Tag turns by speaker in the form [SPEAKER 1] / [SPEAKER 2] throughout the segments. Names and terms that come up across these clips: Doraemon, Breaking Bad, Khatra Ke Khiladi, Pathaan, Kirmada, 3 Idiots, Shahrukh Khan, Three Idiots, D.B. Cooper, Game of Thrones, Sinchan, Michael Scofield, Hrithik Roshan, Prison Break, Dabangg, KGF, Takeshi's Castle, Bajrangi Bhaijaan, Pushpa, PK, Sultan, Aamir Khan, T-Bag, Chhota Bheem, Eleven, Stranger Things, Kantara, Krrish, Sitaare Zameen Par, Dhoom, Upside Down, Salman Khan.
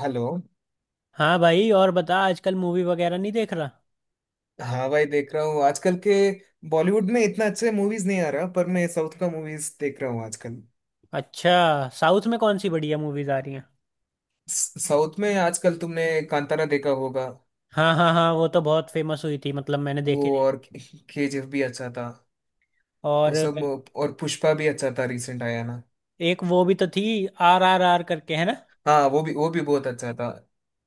[SPEAKER 1] Hello.
[SPEAKER 2] हाँ भाई, और बता आजकल मूवी वगैरह नहीं देख रहा?
[SPEAKER 1] हाँ भाई, देख रहा हूँ। आजकल के बॉलीवुड में इतना अच्छे मूवीज नहीं आ रहा, पर मैं साउथ का मूवीज देख रहा हूँ आजकल।
[SPEAKER 2] अच्छा। साउथ में कौन सी बढ़िया मूवीज आ रही हैं?
[SPEAKER 1] साउथ में आजकल तुमने कांतारा देखा होगा।
[SPEAKER 2] हाँ हाँ हाँ, वो तो बहुत फेमस हुई थी, मतलब मैंने
[SPEAKER 1] वो,
[SPEAKER 2] देखी थी।
[SPEAKER 1] और केजीएफ भी अच्छा था। वो
[SPEAKER 2] और
[SPEAKER 1] सब, और पुष्पा भी अच्छा था, रिसेंट आया ना।
[SPEAKER 2] एक वो भी तो थी, RRR करके, है ना?
[SPEAKER 1] हाँ, वो भी बहुत अच्छा था।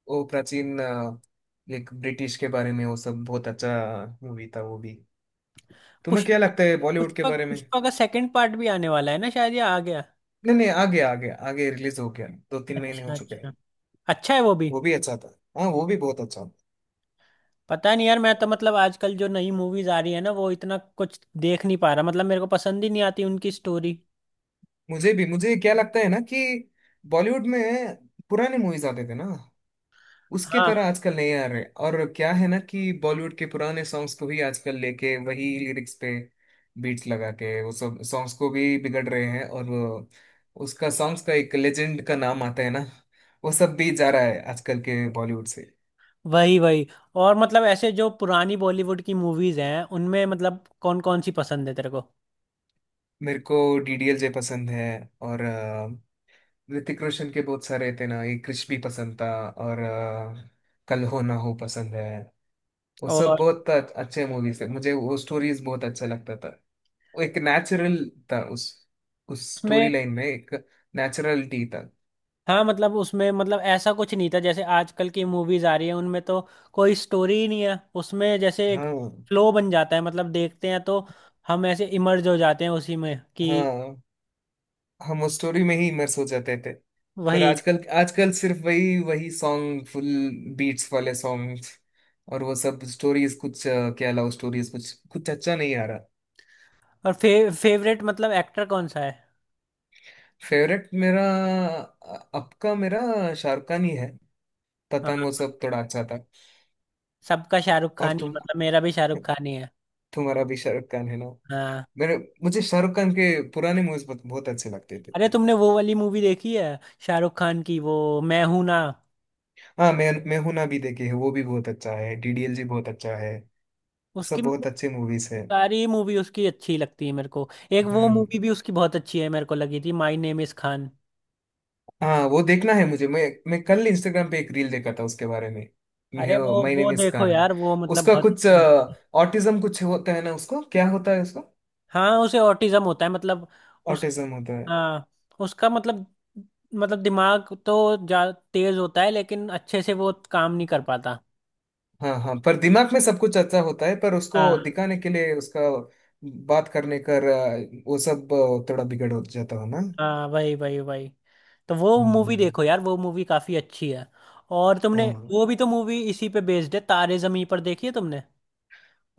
[SPEAKER 1] वो प्राचीन, एक ब्रिटिश के बारे में, वो सब बहुत अच्छा मूवी था वो भी। तुम्हें क्या
[SPEAKER 2] पुष्पा।
[SPEAKER 1] लगता है बॉलीवुड के
[SPEAKER 2] पुष्पा,
[SPEAKER 1] बारे में?
[SPEAKER 2] पुष्पा का सेकंड पार्ट भी आने वाला है ना शायद, या आ गया?
[SPEAKER 1] नहीं नहीं, आ गया आ गया, आगे रिलीज हो गया, 2-3 महीने हो
[SPEAKER 2] अच्छा
[SPEAKER 1] चुके हैं।
[SPEAKER 2] अच्छा। अच्छा है वो भी।
[SPEAKER 1] वो भी अच्छा था। हाँ, वो भी बहुत अच्छा था।
[SPEAKER 2] पता नहीं यार, मैं तो मतलब आजकल जो नई मूवीज आ रही है ना, वो इतना कुछ देख नहीं पा रहा, मतलब मेरे को पसंद ही नहीं आती उनकी स्टोरी।
[SPEAKER 1] मुझे भी, मुझे क्या लगता है ना कि बॉलीवुड में पुराने मूवीज आते थे ना, उसके
[SPEAKER 2] हाँ,
[SPEAKER 1] तरह आजकल नहीं आ रहे। और क्या है ना कि बॉलीवुड के पुराने सॉन्ग्स को भी आजकल लेके वही लिरिक्स पे बीट्स लगा के वो सब सॉन्ग्स को भी बिगड़ रहे हैं। और उसका सॉन्ग्स का एक लेजेंड का नाम आता है ना, वो सब भी जा रहा है आजकल के बॉलीवुड से।
[SPEAKER 2] वही वही। और मतलब ऐसे जो पुरानी बॉलीवुड की मूवीज हैं उनमें, मतलब कौन कौन सी पसंद है तेरे को?
[SPEAKER 1] मेरे को डीडीएलजे पसंद है। और ऋतिक रोशन के बहुत सारे थे ना, एक क्रिश भी पसंद था। और कल हो ना हो पसंद है। वो सब
[SPEAKER 2] और
[SPEAKER 1] बहुत अच्छे मूवीज थे, मुझे वो स्टोरीज बहुत अच्छा लगता था। वो एक नेचुरल था, उस
[SPEAKER 2] उसमें।
[SPEAKER 1] स्टोरी लाइन में एक नेचुरलिटी था।
[SPEAKER 2] हाँ मतलब उसमें, मतलब ऐसा कुछ नहीं था जैसे आजकल की मूवीज आ रही है उनमें तो कोई स्टोरी ही नहीं है, उसमें जैसे एक
[SPEAKER 1] हाँ
[SPEAKER 2] फ्लो बन जाता है, मतलब देखते हैं तो हम ऐसे इमर्ज हो जाते हैं उसी में कि।
[SPEAKER 1] हाँ, हम उस स्टोरी में ही इमर्स हो जाते थे। पर
[SPEAKER 2] वही।
[SPEAKER 1] आजकल, आजकल सिर्फ वही वही सॉन्ग फुल बीट्स वाले सॉन्ग्स। और वो सब स्टोरीज कुछ क्या लव स्टोरीज, कुछ कुछ अच्छा नहीं आ रहा।
[SPEAKER 2] और फेवरेट मतलब एक्टर कौन सा है?
[SPEAKER 1] फेवरेट मेरा, अब का मेरा, शाहरुख खान ही है। पठान वो
[SPEAKER 2] हाँ,
[SPEAKER 1] सब थोड़ा अच्छा था।
[SPEAKER 2] सबका शाहरुख
[SPEAKER 1] और
[SPEAKER 2] खान ही है,
[SPEAKER 1] तुम,
[SPEAKER 2] मतलब मेरा भी शाहरुख खान ही है।
[SPEAKER 1] तुम्हारा भी शाहरुख खान है ना?
[SPEAKER 2] हाँ।
[SPEAKER 1] मेरे, मुझे शाहरुख खान के पुराने मूवीज बहुत, बहुत अच्छे लगते
[SPEAKER 2] अरे
[SPEAKER 1] थे।
[SPEAKER 2] तुमने वो वाली मूवी देखी है, शाहरुख खान की, वो मैं हूं ना?
[SPEAKER 1] हाँ, मैं हूं ना भी देखी है, वो भी बहुत अच्छा है, डीडीएल जी बहुत अच्छा है।
[SPEAKER 2] उसकी
[SPEAKER 1] सब बहुत
[SPEAKER 2] मतलब
[SPEAKER 1] अच्छे मूवीज है।
[SPEAKER 2] सारी मूवी उसकी अच्छी लगती है मेरे को। एक वो
[SPEAKER 1] हम्म।
[SPEAKER 2] मूवी भी उसकी बहुत अच्छी है मेरे को लगी थी, माई नेम इज खान।
[SPEAKER 1] हाँ, वो देखना है मुझे। मैं कल इंस्टाग्राम पे एक रील देखा था उसके बारे में,
[SPEAKER 2] अरे
[SPEAKER 1] मैं
[SPEAKER 2] वो
[SPEAKER 1] माय
[SPEAKER 2] वो
[SPEAKER 1] नेम इज
[SPEAKER 2] देखो
[SPEAKER 1] खान।
[SPEAKER 2] यार, वो मतलब
[SPEAKER 1] उसका
[SPEAKER 2] बहुत
[SPEAKER 1] कुछ
[SPEAKER 2] अच्छी है।
[SPEAKER 1] ऑटिज्म कुछ होता है ना, उसको क्या होता है उसको?
[SPEAKER 2] हाँ उसे ऑटिज्म होता है, मतलब उस।
[SPEAKER 1] ऑटिज्म होता है।
[SPEAKER 2] हाँ उसका मतलब, मतलब दिमाग तो जा तेज होता है, लेकिन अच्छे से वो काम नहीं कर पाता।
[SPEAKER 1] हाँ हाँ, पर दिमाग में सब कुछ अच्छा होता है, पर उसको
[SPEAKER 2] हाँ
[SPEAKER 1] दिखाने के लिए उसका बात करने कर वो सब थोड़ा बिगड़ हो जाता हो ना,
[SPEAKER 2] हाँ, वही वही वही। तो वो मूवी
[SPEAKER 1] हम्म।
[SPEAKER 2] देखो यार, वो मूवी काफी अच्छी है। और तुमने
[SPEAKER 1] हाँ
[SPEAKER 2] वो भी तो मूवी इसी पे बेस्ड है, तारे जमी पर, देखी है तुमने?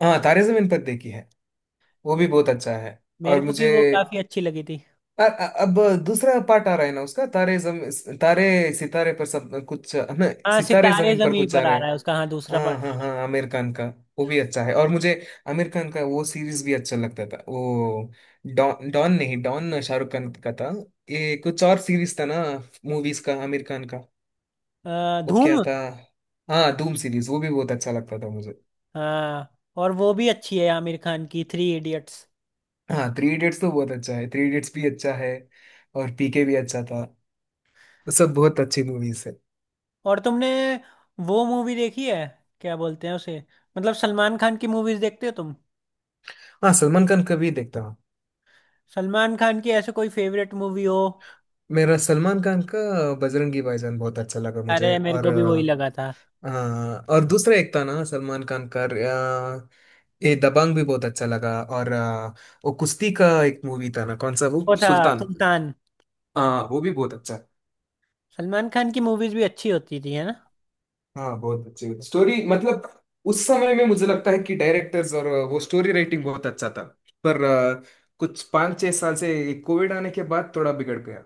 [SPEAKER 1] हाँ, तारे जमीन पर देखी है, वो भी बहुत अच्छा है। और
[SPEAKER 2] मेरे को
[SPEAKER 1] मुझे
[SPEAKER 2] भी वो काफी अच्छी लगी थी।
[SPEAKER 1] अब दूसरा पार्ट आ रहा है ना उसका, तारे जम तारे सितारे पर सब कुछ हमें।
[SPEAKER 2] हाँ
[SPEAKER 1] सितारे
[SPEAKER 2] सितारे
[SPEAKER 1] जमीन पर
[SPEAKER 2] जमीन
[SPEAKER 1] कुछ आ
[SPEAKER 2] पर
[SPEAKER 1] रहे
[SPEAKER 2] आ रहा
[SPEAKER 1] हैं।
[SPEAKER 2] है उसका, हाँ दूसरा
[SPEAKER 1] हाँ
[SPEAKER 2] पार्ट।
[SPEAKER 1] हाँ हाँ, आमिर खान का, वो भी अच्छा है। और मुझे आमिर खान का वो सीरीज भी अच्छा लगता था वो। डॉन, डॉन नहीं, डॉन शाहरुख खान का था। ये कुछ और सीरीज था ना, मूवीज का आमिर खान का, वो क्या
[SPEAKER 2] धूम।
[SPEAKER 1] था? हाँ, धूम सीरीज, वो भी बहुत अच्छा लगता था मुझे।
[SPEAKER 2] हाँ। और वो भी अच्छी है आमिर खान की, थ्री इडियट्स।
[SPEAKER 1] हाँ, थ्री इडियट्स तो बहुत अच्छा है, थ्री इडियट्स भी अच्छा है। और पीके भी अच्छा था। सब बहुत अच्छी मूवीज है।
[SPEAKER 2] और तुमने वो मूवी देखी है, क्या बोलते हैं उसे, मतलब सलमान खान की मूवीज देखते हो तुम?
[SPEAKER 1] हाँ, सलमान खान का भी देखता हूँ।
[SPEAKER 2] सलमान खान की ऐसे कोई फेवरेट मूवी हो?
[SPEAKER 1] मेरा सलमान खान का बजरंगी भाईजान बहुत अच्छा लगा मुझे।
[SPEAKER 2] अरे मेरे
[SPEAKER 1] और
[SPEAKER 2] को भी वही लगा था।
[SPEAKER 1] हाँ, और दूसरा एक था ना सलमान खान का ये दबंग भी बहुत अच्छा लगा। और वो कुश्ती का एक मूवी था ना कौन सा, वो
[SPEAKER 2] वो था
[SPEAKER 1] सुल्तान।
[SPEAKER 2] सुल्तान।
[SPEAKER 1] हाँ, वो भी बहुत अच्छा है।
[SPEAKER 2] सलमान खान की मूवीज भी अच्छी होती थी, है ना?
[SPEAKER 1] हाँ, बहुत अच्छी स्टोरी, मतलब उस समय में मुझे लगता है कि डायरेक्टर्स और वो स्टोरी राइटिंग बहुत अच्छा था। पर कुछ 5-6 साल से कोविड आने के बाद थोड़ा बिगड़ गया।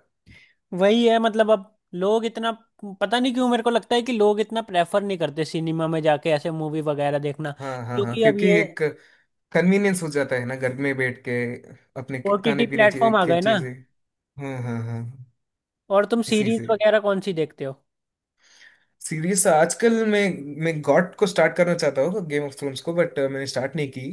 [SPEAKER 2] वही है, मतलब अब लोग इतना, पता नहीं क्यों मेरे को लगता है कि लोग इतना प्रेफर नहीं करते सिनेमा में जाके ऐसे मूवी वगैरह देखना।
[SPEAKER 1] हाँ हाँ हाँ,
[SPEAKER 2] क्योंकि अब
[SPEAKER 1] क्योंकि
[SPEAKER 2] ये
[SPEAKER 1] एक कन्वीनियंस हो जाता है ना, घर में बैठ के अपने
[SPEAKER 2] ओटीटी
[SPEAKER 1] खाने पीने
[SPEAKER 2] प्लेटफॉर्म आ
[SPEAKER 1] की
[SPEAKER 2] गए ना।
[SPEAKER 1] चीजें। हाँ हाँ हाँ,
[SPEAKER 2] और तुम
[SPEAKER 1] इसी
[SPEAKER 2] सीरीज
[SPEAKER 1] से
[SPEAKER 2] वगैरह कौन सी देखते हो?
[SPEAKER 1] सीरीज। आजकल मैं, गॉट को स्टार्ट करना चाहता हूँ, गेम ऑफ थ्रोन्स को, बट मैंने स्टार्ट नहीं की।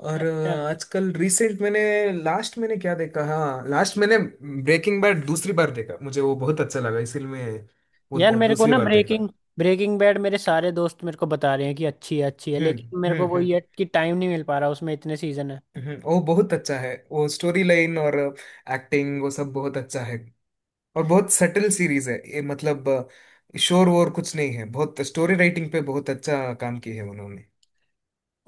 [SPEAKER 1] और
[SPEAKER 2] अच्छा।
[SPEAKER 1] आजकल रिसेंट मैंने, लास्ट मैंने क्या देखा, हाँ लास्ट मैंने ब्रेकिंग बैड दूसरी बार देखा। मुझे वो बहुत अच्छा लगा, इसलिए मैं वो
[SPEAKER 2] यार मेरे को
[SPEAKER 1] दूसरी
[SPEAKER 2] ना
[SPEAKER 1] बार देखा।
[SPEAKER 2] ब्रेकिंग ब्रेकिंग बैड, मेरे सारे दोस्त मेरे को बता रहे हैं कि अच्छी है अच्छी है,
[SPEAKER 1] हम्म,
[SPEAKER 2] लेकिन मेरे को
[SPEAKER 1] हम्म,
[SPEAKER 2] वो,
[SPEAKER 1] हम्म,
[SPEAKER 2] ये कि टाइम नहीं मिल पा रहा, उसमें इतने सीजन है।
[SPEAKER 1] हम्म। वो बहुत अच्छा है, वो स्टोरी लाइन और एक्टिंग वो सब बहुत अच्छा है। और बहुत सटल सीरीज है ये, मतलब शोर वोर कुछ नहीं है, बहुत स्टोरी राइटिंग पे बहुत अच्छा काम की है उन्होंने।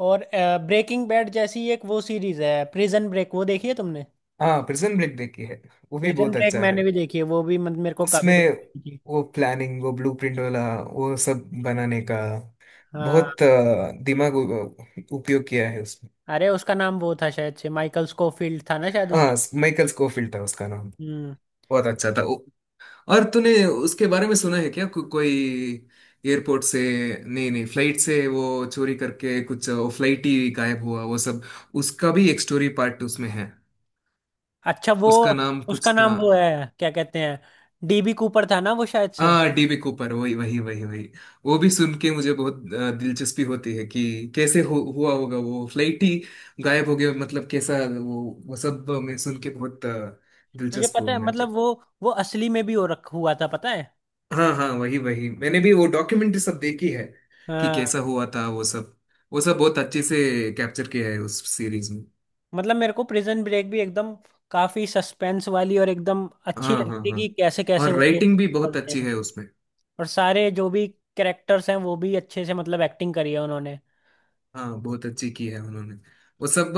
[SPEAKER 2] और ब्रेकिंग बैड जैसी एक वो सीरीज है, प्रिजन ब्रेक, वो देखी है तुमने?
[SPEAKER 1] हाँ, प्रिजन ब्रेक देखी है, वो भी
[SPEAKER 2] प्रिजन
[SPEAKER 1] बहुत
[SPEAKER 2] ब्रेक
[SPEAKER 1] अच्छा है।
[SPEAKER 2] मैंने भी देखी है, वो भी मतलब मेरे को काफी
[SPEAKER 1] उसमें
[SPEAKER 2] बड़ी लगी।
[SPEAKER 1] वो प्लानिंग, वो ब्लूप्रिंट वाला, वो सब बनाने का
[SPEAKER 2] हाँ।
[SPEAKER 1] बहुत दिमाग उपयोग किया है उसमें।
[SPEAKER 2] अरे उसका नाम वो था शायद से, माइकल स्कोफील्ड था ना शायद उसका?
[SPEAKER 1] हाँ, माइकल स्कोफिल्ड था उसका नाम,
[SPEAKER 2] हम्म।
[SPEAKER 1] बहुत अच्छा था वो। और तूने उसके बारे में सुना है क्या, कोई एयरपोर्ट से, नहीं नहीं, फ्लाइट से वो चोरी करके कुछ, वो फ्लाइट ही गायब हुआ वो सब, उसका भी एक स्टोरी पार्ट उसमें है।
[SPEAKER 2] अच्छा वो
[SPEAKER 1] उसका नाम कुछ
[SPEAKER 2] उसका
[SPEAKER 1] था।
[SPEAKER 2] नाम, वो है क्या कहते हैं, डीबी कूपर था ना वो, शायद से।
[SPEAKER 1] हाँ, डीबी कूपर, वही वही वही वही। वो भी सुन के मुझे बहुत दिलचस्पी होती है कि कैसे हुआ होगा, वो फ्लाइट ही गायब हो गया मतलब, कैसा वो वो सब मैं सुन के बहुत
[SPEAKER 2] तुझे
[SPEAKER 1] दिलचस्प
[SPEAKER 2] पता
[SPEAKER 1] हुआ
[SPEAKER 2] है मतलब
[SPEAKER 1] मुझे।
[SPEAKER 2] वो असली में भी हो रख हुआ था, पता है?
[SPEAKER 1] हाँ हाँ, वही वही, मैंने भी वो डॉक्यूमेंट्री सब देखी है, कि
[SPEAKER 2] हाँ।
[SPEAKER 1] कैसा हुआ था वो सब, वो सब बहुत अच्छे से कैप्चर किया है उस सीरीज में।
[SPEAKER 2] मतलब मेरे को प्रिजन ब्रेक भी एकदम काफी सस्पेंस वाली और एकदम अच्छी
[SPEAKER 1] हाँ हाँ
[SPEAKER 2] लगती है,
[SPEAKER 1] हाँ।
[SPEAKER 2] कि कैसे कैसे
[SPEAKER 1] और
[SPEAKER 2] वो केस
[SPEAKER 1] राइटिंग भी बहुत
[SPEAKER 2] चलते
[SPEAKER 1] अच्छी
[SPEAKER 2] हैं।
[SPEAKER 1] है उसमें।
[SPEAKER 2] और सारे जो भी कैरेक्टर्स हैं वो भी अच्छे से मतलब एक्टिंग करी है उन्होंने।
[SPEAKER 1] हाँ, बहुत अच्छी की है उन्होंने, वो सब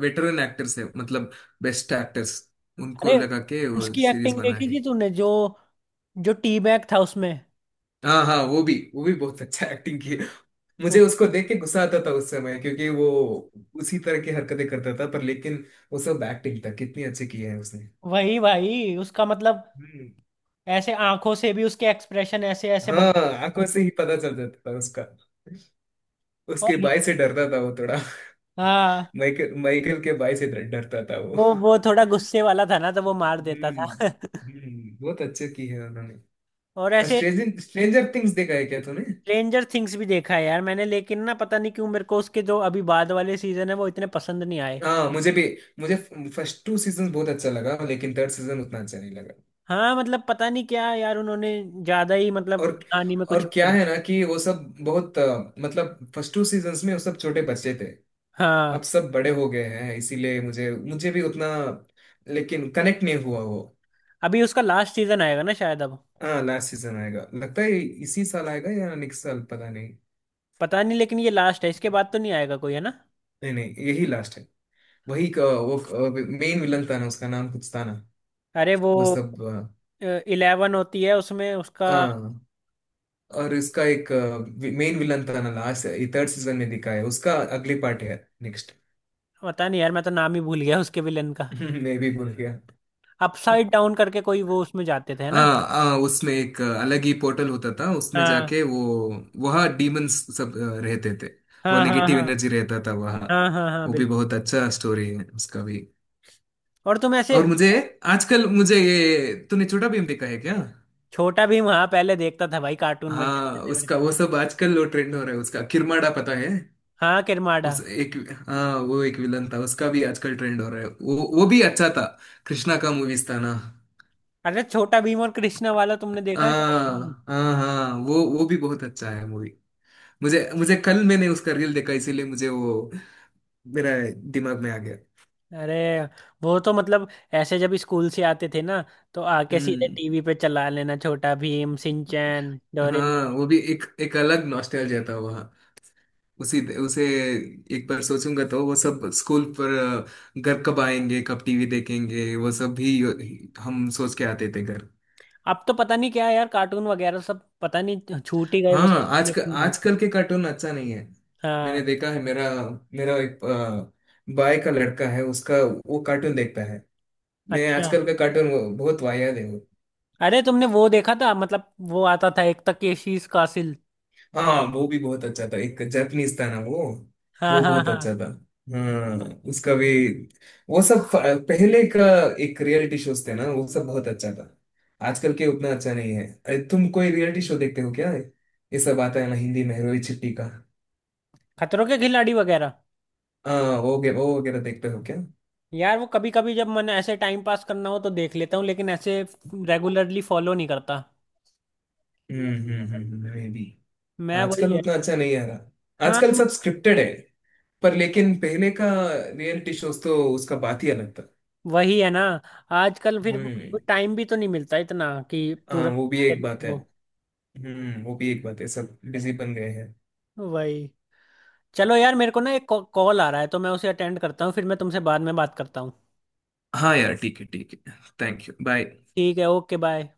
[SPEAKER 1] वेटरन एक्टर्स है मतलब, बेस्ट एक्टर्स उनको
[SPEAKER 2] अरे
[SPEAKER 1] लगा के वो
[SPEAKER 2] उसकी
[SPEAKER 1] सीरीज
[SPEAKER 2] एक्टिंग
[SPEAKER 1] बना
[SPEAKER 2] देखी थी
[SPEAKER 1] है।
[SPEAKER 2] तूने, जो जो टी बैग था उसमें?
[SPEAKER 1] हाँ हाँ, वो भी बहुत अच्छा एक्टिंग की है। मुझे
[SPEAKER 2] उस,
[SPEAKER 1] उसको देख के गुस्सा आता था उस समय, क्योंकि वो उसी तरह की हरकतें करता था पर लेकिन वो सब एक्टिंग था, कितनी अच्छी की है उसने।
[SPEAKER 2] वही भाई उसका मतलब,
[SPEAKER 1] हम्म।
[SPEAKER 2] ऐसे आंखों से भी उसके एक्सप्रेशन ऐसे ऐसे बन।
[SPEAKER 1] हाँ, आंखों से ही पता चल जाता था उसका,
[SPEAKER 2] और
[SPEAKER 1] उसके बाई से डरता था वो थोड़ा।
[SPEAKER 2] हाँ,
[SPEAKER 1] माइकल माइकल के बाई से डरता था वो।
[SPEAKER 2] वो थोड़ा गुस्से वाला था ना, तो वो मार देता था
[SPEAKER 1] हम्म, हम्म, बहुत अच्छे की है उन्होंने।
[SPEAKER 2] और ऐसे
[SPEAKER 1] स्ट्रेंजर स्ट्रेंजर थिंग्स देखा है क्या तूने?
[SPEAKER 2] स्ट्रेंजर थिंग्स भी देखा है यार मैंने, लेकिन ना पता नहीं क्यों मेरे को उसके जो अभी बाद वाले सीजन है वो इतने पसंद नहीं आए।
[SPEAKER 1] हाँ, मुझे भी, मुझे फर्स्ट 2 सीजन बहुत अच्छा लगा, लेकिन थर्ड सीजन उतना अच्छा नहीं लगा।
[SPEAKER 2] हाँ, मतलब पता नहीं क्या यार, उन्होंने ज्यादा ही, मतलब
[SPEAKER 1] और
[SPEAKER 2] कहानी में
[SPEAKER 1] और
[SPEAKER 2] कुछ भी कर-
[SPEAKER 1] क्या
[SPEAKER 2] लिया।
[SPEAKER 1] है ना कि वो सब बहुत मतलब फर्स्ट 2 सीजन्स में वो सब छोटे बच्चे थे, अब
[SPEAKER 2] हाँ।
[SPEAKER 1] सब बड़े हो गए हैं, इसीलिए मुझे मुझे भी उतना, लेकिन कनेक्ट नहीं हुआ वो।
[SPEAKER 2] अभी उसका लास्ट सीजन आएगा ना शायद अब?
[SPEAKER 1] हाँ, लास्ट सीजन आएगा लगता है, इसी साल आएगा या नेक्स्ट साल पता नहीं।
[SPEAKER 2] पता नहीं, लेकिन ये लास्ट है, इसके बाद तो नहीं आएगा कोई, है ना?
[SPEAKER 1] नहीं नहीं, यही लास्ट है। वही वो मेन विलन था ना, उसका नाम कुछ था ना,
[SPEAKER 2] अरे वो
[SPEAKER 1] वो सब
[SPEAKER 2] इलेवन होती है उसमें, उसका।
[SPEAKER 1] हाँ। और इसका एक मेन विलन था ना, लास्ट ये थर्ड सीजन में दिखा है, उसका अगली पार्ट है नेक्स्ट।
[SPEAKER 2] पता नहीं यार, मैं तो नाम ही भूल गया उसके विलन का।
[SPEAKER 1] मैं भी भूल गया।
[SPEAKER 2] अपसाइड डाउन करके कोई वो, उसमें जाते थे है
[SPEAKER 1] हाँ
[SPEAKER 2] ना?
[SPEAKER 1] हाँ, उसमें एक अलग ही पोर्टल होता था, उसमें
[SPEAKER 2] हाँ
[SPEAKER 1] जाके वो वहाँ डीमंस सब रहते थे। वो
[SPEAKER 2] हाँ हाँ,
[SPEAKER 1] नेगेटिव
[SPEAKER 2] हाँ
[SPEAKER 1] एनर्जी रहता था वहाँ।
[SPEAKER 2] हाँ हाँ, हाँ
[SPEAKER 1] वो भी
[SPEAKER 2] बिल्कुल।
[SPEAKER 1] बहुत अच्छा स्टोरी है उसका भी।
[SPEAKER 2] और तुम ऐसे,
[SPEAKER 1] और मुझे, आजकल मुझे ये, तूने छोटा भीम देखा है क्या?
[SPEAKER 2] छोटा भीम? हाँ पहले देखता था भाई, कार्टून मजे
[SPEAKER 1] हाँ,
[SPEAKER 2] आते थे मेरे
[SPEAKER 1] उसका
[SPEAKER 2] को।
[SPEAKER 1] वो सब आजकल वो ट्रेंड हो रहा है उसका, किरमाड़ा पता है?
[SPEAKER 2] हाँ किरमाड़ा।
[SPEAKER 1] उस एक, हाँ वो एक विलन था उसका भी आजकल ट्रेंड हो रहा है, वो भी अच्छा था। कृष्णा का मूवीज था ना।
[SPEAKER 2] अरे छोटा भीम और कृष्णा वाला तुमने देखा है साथ में?
[SPEAKER 1] हाँ हाँ हाँ, वो भी बहुत अच्छा है मूवी। मुझे मुझे कल मैंने उसका रील देखा, इसीलिए मुझे वो मेरा दिमाग में आ गया।
[SPEAKER 2] अरे वो तो मतलब ऐसे जब स्कूल से आते थे ना तो आके सीधे
[SPEAKER 1] हम्म।
[SPEAKER 2] टीवी पे चला लेना, छोटा भीम, सिंचैन, डोरेमोन।
[SPEAKER 1] हाँ, वो भी एक एक अलग नॉस्टैल्जिया था वहाँ। उसी उसे एक बार सोचूंगा तो वो सब स्कूल पर घर कब आएंगे कब टीवी देखेंगे वो सब भी हम सोच के आते थे घर।
[SPEAKER 2] अब तो पता नहीं क्या है यार, कार्टून वगैरह सब पता नहीं छूट ही गए वो
[SPEAKER 1] हाँ,
[SPEAKER 2] सब,
[SPEAKER 1] आजकल
[SPEAKER 2] collection हो गए।
[SPEAKER 1] आजकल के कार्टून अच्छा नहीं है। मैंने
[SPEAKER 2] हाँ।
[SPEAKER 1] देखा है, मेरा मेरा एक भाई का लड़का है, उसका वो कार्टून देखता है। मैं
[SPEAKER 2] अच्छा।
[SPEAKER 1] आजकल का कार्टून वो बहुत वाहियात है वो।
[SPEAKER 2] अरे तुमने वो देखा था, मतलब वो आता था एक, तकेशीस कासिल?
[SPEAKER 1] हाँ, वो भी बहुत अच्छा था, एक जापानीज था ना वो
[SPEAKER 2] हाँ
[SPEAKER 1] वो
[SPEAKER 2] हाँ
[SPEAKER 1] बहुत
[SPEAKER 2] हाँ।
[SPEAKER 1] अच्छा था। हाँ, उसका भी वो सब पहले का एक रियलिटी शोज थे ना, वो सब बहुत अच्छा था। आजकल के उतना अच्छा नहीं है। अरे तुम कोई रियलिटी शो देखते हो क्या? ये सब आता है ना हिंदी में, रोई छिट्टी का।
[SPEAKER 2] खतरों के खिलाड़ी वगैरह?
[SPEAKER 1] हाँ, वो वो वगैरह देखते हो क्या?
[SPEAKER 2] यार वो कभी कभी जब मन ऐसे टाइम पास करना हो तो देख लेता हूँ, लेकिन ऐसे रेगुलरली फॉलो नहीं करता।
[SPEAKER 1] हम्म, हम्म, मैं भी।
[SPEAKER 2] मैं वही
[SPEAKER 1] आजकल
[SPEAKER 2] है।
[SPEAKER 1] उतना अच्छा नहीं आ रहा,
[SPEAKER 2] हाँ।
[SPEAKER 1] आजकल सब स्क्रिप्टेड है। पर लेकिन पहले का रियलिटी शोज तो उसका बात ही अलग था।
[SPEAKER 2] वही है ना, आजकल फिर
[SPEAKER 1] हम्म,
[SPEAKER 2] टाइम भी तो नहीं मिलता इतना कि
[SPEAKER 1] हाँ
[SPEAKER 2] पूरा
[SPEAKER 1] वो भी एक बात है।
[SPEAKER 2] देखो।
[SPEAKER 1] हम्म, वो भी एक बात है, सब बिजी बन गए हैं।
[SPEAKER 2] वही। चलो यार मेरे को ना एक कॉल आ रहा है, तो मैं उसे अटेंड करता हूँ, फिर मैं तुमसे बाद में बात करता हूँ।
[SPEAKER 1] हाँ यार, ठीक है ठीक है, थैंक यू बाय।
[SPEAKER 2] ठीक है, ओके, बाय।